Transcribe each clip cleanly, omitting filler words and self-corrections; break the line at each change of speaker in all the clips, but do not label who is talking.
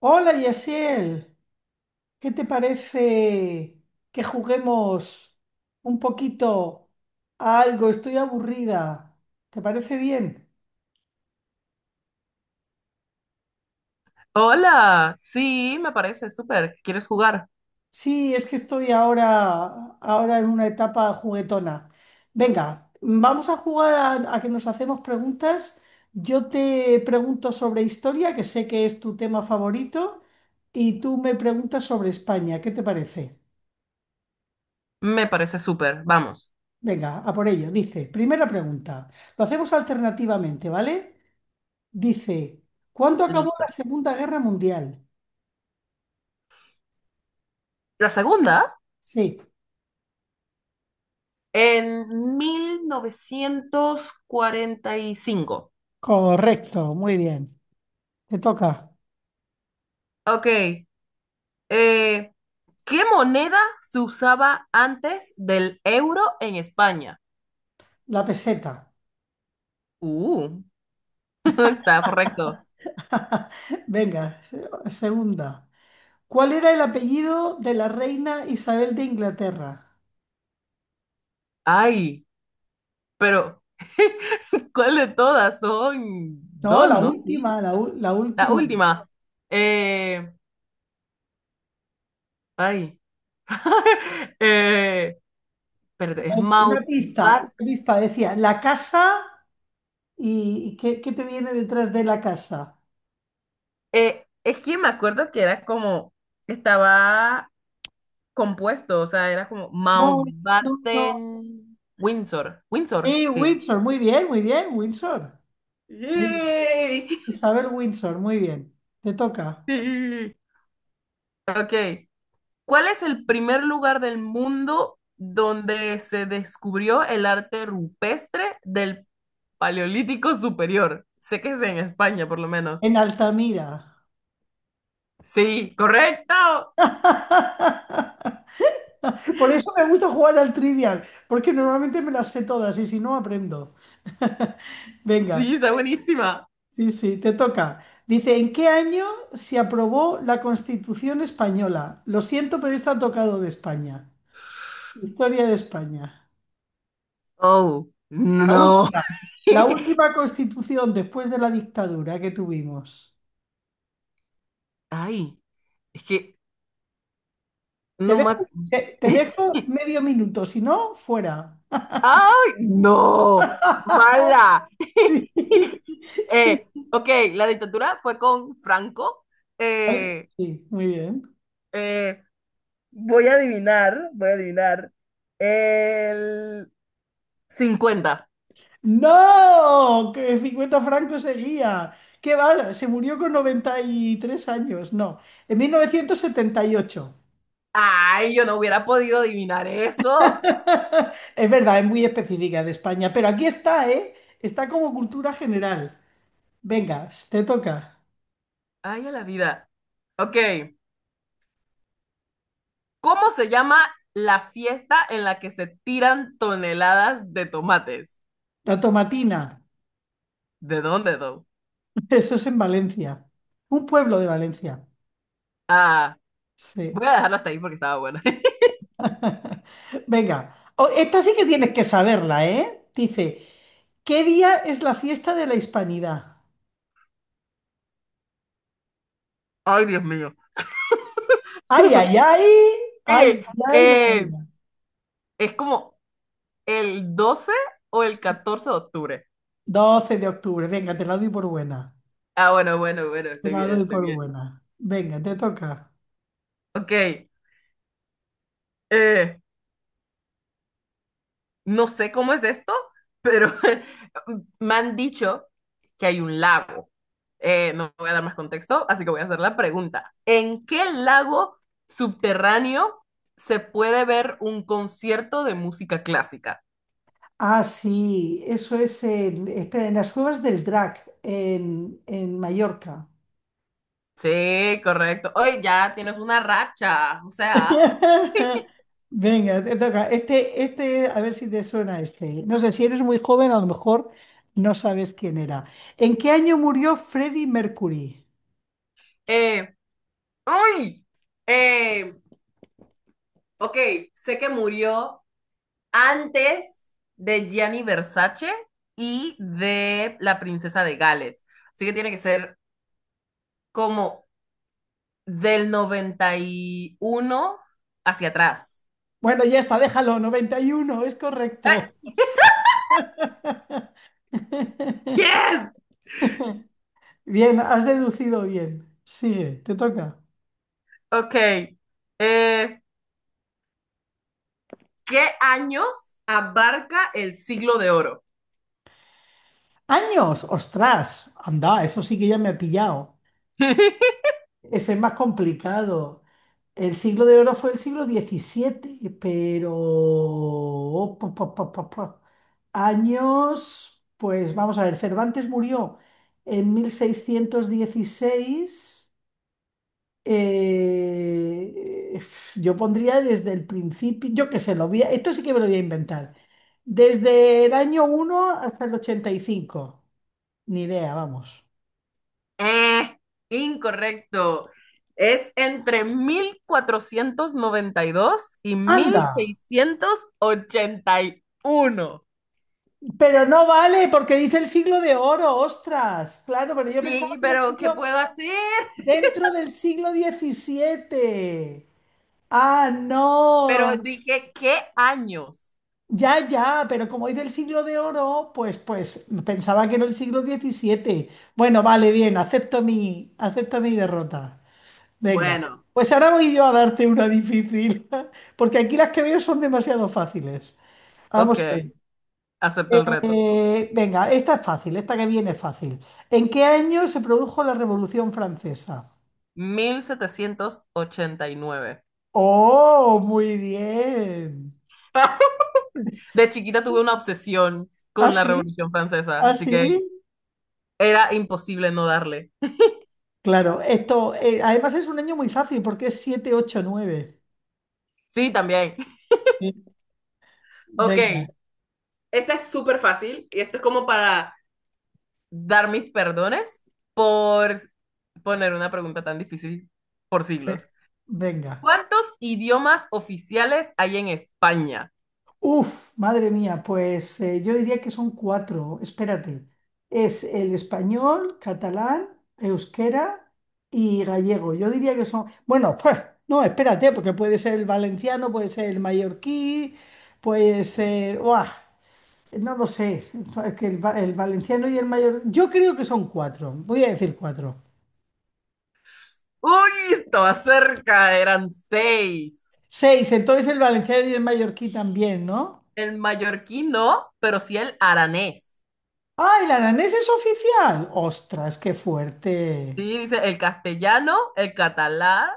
Hola, Yasiel, ¿qué te parece que juguemos un poquito a algo? Estoy aburrida. ¿Te parece bien?
Hola, sí, me parece súper. ¿Quieres jugar?
Sí, es que estoy ahora en una etapa juguetona. Venga, vamos a jugar a que nos hacemos preguntas. Yo te pregunto sobre historia, que sé que es tu tema favorito, y tú me preguntas sobre España. ¿Qué te parece?
Me parece súper. Vamos,
Venga, a por ello. Dice, primera pregunta. Lo hacemos alternativamente, ¿vale? Dice, ¿cuándo acabó
listo.
la Segunda Guerra Mundial?
La segunda,
Sí,
en 1945.
correcto, muy bien. Te toca
Ok, eh, ¿qué moneda se usaba antes del euro en España?
la peseta.
Uh, está correcto.
Venga, segunda. ¿Cuál era el apellido de la reina Isabel de Inglaterra?
Ay, pero ¿cuál de todas? Son
No,
dos,
la
¿no? Sí,
última, la
la
última.
última. Eh, ay. Eh, pero es
Una
Mautbat.
pista decía, la casa y ¿qué te viene detrás de la casa?
Es que me acuerdo que era como, estaba compuesto, o sea, era como
No, no, no.
Mountbatten Windsor. Windsor,
Y
sí.
Windsor, muy bien, Windsor. Muy bien.
¡Yay!
Isabel Windsor, muy bien. Te toca.
Sí. Ok. ¿Cuál es el primer lugar del mundo donde se descubrió el arte rupestre del Paleolítico Superior? Sé que es en España, por lo menos.
En Altamira.
Sí, correcto.
Por eso me gusta jugar al Trivial, porque normalmente me las sé todas y si no aprendo. Venga,
Sí, está buenísima.
sí, sí, te toca. Dice, ¿en qué año se aprobó la Constitución española? Lo siento, pero está tocado de España. Historia de España.
Oh,
La
no.
última, la última Constitución después de la dictadura que tuvimos.
Ay, es que
Te
no ma-
dejo, te, te dejo medio minuto, si no, fuera.
¡Ay, no! ¡Mala!
Sí.
Ok, la dictadura fue con Franco.
Ay,
Eh,
sí, muy bien.
eh, voy a adivinar. El 50.
No, que 50 francos seguía. ¿Qué va? Se murió con 93 años. No, en 1978.
Ay, yo no hubiera podido adivinar eso.
Es verdad, es muy específica de España, pero aquí está, ¿eh? Está como cultura general. Venga, te toca.
Ay, a la vida. Ok, ¿cómo se llama la fiesta en la que se tiran toneladas de tomates?
La Tomatina.
¿De dónde, though?
Eso es en Valencia. Un pueblo de Valencia.
Ah,
Sí.
voy a dejarlo hasta ahí porque estaba bueno.
Venga, esta sí que tienes que saberla, ¿eh? Dice, ¿qué día es la fiesta de la Hispanidad?
Ay, Dios mío.
Ay, ay, ay, ay,
Eh,
ay, no me
eh,
digas.
es como el 12 o el 14 de octubre.
12 de octubre, venga, te la doy por buena.
Ah, bueno, bueno, bueno,
Te
estoy
la
bien,
doy
estoy
por
bien.
buena. Venga, te toca.
Ok, eh, no sé cómo es esto, pero me han dicho que hay un lago. No voy a dar más contexto, así que voy a hacer la pregunta. ¿En qué lago subterráneo se puede ver un concierto de música clásica?
Ah, sí, eso es en, espera, en las cuevas del Drac, en Mallorca.
Sí, correcto. Hoy ya tienes una racha. O sea,
Venga, te toca. Este, a ver si te suena este. No sé, si eres muy joven, a lo mejor no sabes quién era. ¿En qué año murió Freddie Mercury?
eh, ¡ay! Eh, ok, sé que murió antes de Gianni Versace y de la princesa de Gales. Así que tiene que ser como del 91 hacia atrás.
Bueno, ya está, déjalo, 91, es
¡Ay,
correcto.
¡Yes!
Bien, has deducido bien. Sigue, te toca.
Ok. eh, ¿qué años abarca el siglo de oro?
¡Años! ¡Ostras! Anda, eso sí que ya me ha pillado. Es el más complicado. El siglo de oro fue el siglo XVII, pero, oh, pa, pa, pa, pa, pa. Años, pues vamos a ver, Cervantes murió en 1616. eh, yo pondría desde el principio, yo qué sé, esto sí que me lo voy a inventar. Desde el año uno hasta el 85. Ni idea, vamos.
Eh, incorrecto. Es entre 1492 y mil
Anda,
seiscientos ochenta y uno.
pero no vale porque dice el siglo de oro, ostras. Claro, pero yo pensaba
Sí,
que era el
pero ¿qué
siglo.
puedo hacer?
Dentro del siglo XVII. Ah, no.
Pero dije, ¿qué años?
Ya, ya, pero como es del siglo de oro, pues pensaba que era el siglo XVII. Bueno, vale, bien, acepto mi derrota. Venga,
Bueno,
pues ahora voy yo a darte una difícil, porque aquí las que veo son demasiado fáciles.
ok,
Vamos a ver.
acepto el reto.
Venga, esta es fácil, esta que viene es fácil. ¿En qué año se produjo la Revolución Francesa?
1789.
Oh, muy bien.
De chiquita tuve una obsesión
Ah,
con la
sí,
Revolución Francesa,
ah,
así
sí.
que era imposible no darle.
Claro, esto, además es un año muy fácil porque es 7, 8, 9.
Sí, también.
Sí.
Ok,
Venga.
esta es súper fácil y esto es como para dar mis perdones por poner una pregunta tan difícil por siglos.
eh, venga.
¿Cuántos idiomas oficiales hay en España?
Uf, madre mía, pues yo diría que son cuatro. Espérate. Es el español, catalán, euskera y gallego. Yo diría que son, bueno, pues, no, espérate, porque puede ser el valenciano, puede ser el mallorquí, puede ser, ¡buah! No lo sé, es que el valenciano y el mayor, yo creo que son cuatro, voy a decir cuatro.
Uy, estaba cerca, eran seis.
Seis, entonces el valenciano y el mallorquí también, ¿no?
El mallorquín no, pero sí el aranés.
¡Ah, el aranés es oficial! ¡Ostras, qué fuerte!
Sí, dice el castellano, el catalán,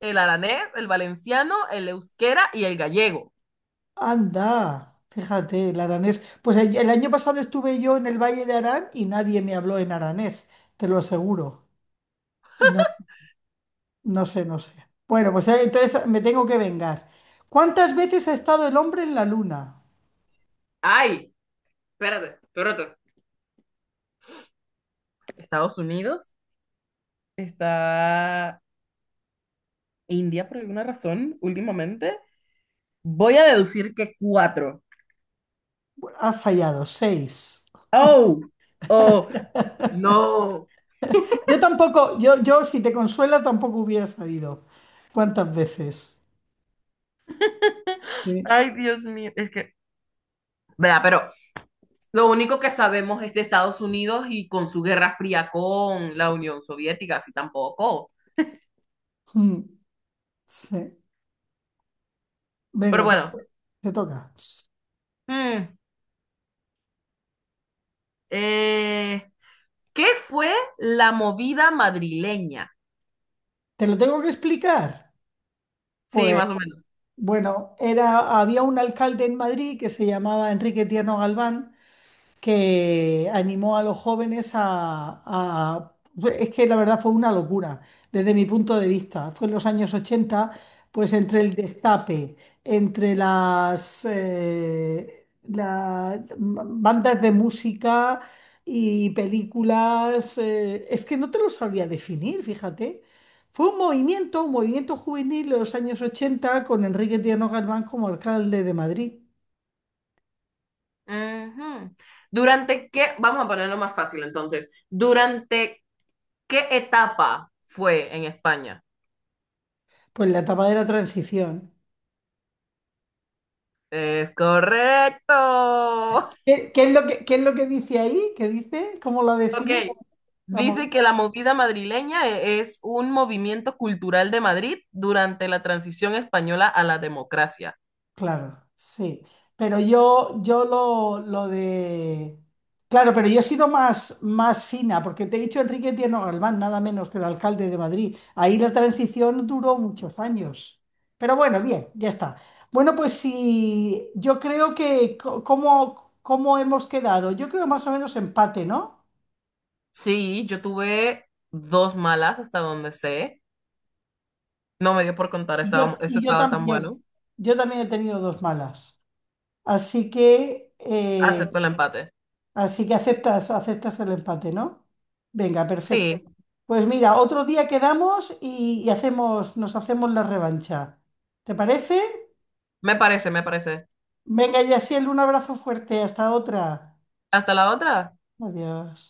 el aranés, el valenciano, el euskera y el gallego.
Anda, fíjate, el aranés. Pues el año pasado estuve yo en el Valle de Arán y nadie me habló en aranés, te lo aseguro. No, no sé, no sé. Bueno, pues entonces me tengo que vengar. ¿Cuántas veces ha estado el hombre en la luna?
Ay, espérate. Estados Unidos, está India por alguna razón últimamente, voy a deducir que cuatro.
Ha fallado, seis.
Oh, oh, no.
Yo tampoco, yo si te consuela tampoco hubiera sabido cuántas veces. Sí.
Ay, Dios mío. Es que, vea, pero lo único que sabemos es de Estados Unidos y con su guerra fría con la Unión Soviética, así tampoco.
Mm, sí.
Pero
Venga, te,
bueno,
te toca.
mm, eh, ¿qué fue la movida madrileña?
¿Te lo tengo que explicar?
Sí,
Pues
más o menos.
bueno, era, había un alcalde en Madrid que se llamaba Enrique Tierno Galván que animó a los jóvenes Es que la verdad fue una locura, desde mi punto de vista. Fue en los años 80 pues entre el destape, entre las bandas de música y películas, es que no te lo sabría definir, fíjate. Fue un movimiento juvenil de los años 80 con Enrique Tierno Galván como alcalde de Madrid,
Ujú. ¿Durante qué? Vamos a ponerlo más fácil entonces. ¿Durante qué etapa fue en España?
pues la etapa de la transición.
Es correcto.
¿Qué, qué es lo que, qué es lo que dice ahí? ¿Qué dice? ¿Cómo lo
Ok.
define?
Dice
Vamos,
que la movida madrileña e- es un movimiento cultural de Madrid durante la transición española a la democracia.
claro, sí. Pero yo lo de... Claro, pero yo he sido más fina, porque te he dicho Enrique Tierno Galván, nada menos que el alcalde de Madrid. Ahí la transición duró muchos años. Pero bueno, bien, ya está. Bueno, pues sí, yo creo que... ¿Cómo hemos quedado? Yo creo más o menos empate, ¿no?
Sí, yo tuve dos malas hasta donde sé. No me dio por contar,
Y yo,
estaba, eso
y yo
estaba tan
también.
bueno.
Yo también he tenido dos malas. Así que, eh,
Acepto el empate.
así que aceptas el empate, ¿no? Venga, perfecto.
Sí,
Pues mira, otro día quedamos y nos hacemos la revancha. ¿Te parece?
me parece, me parece.
Venga, Yasiel, un abrazo fuerte. Hasta otra.
Hasta la otra.
Adiós.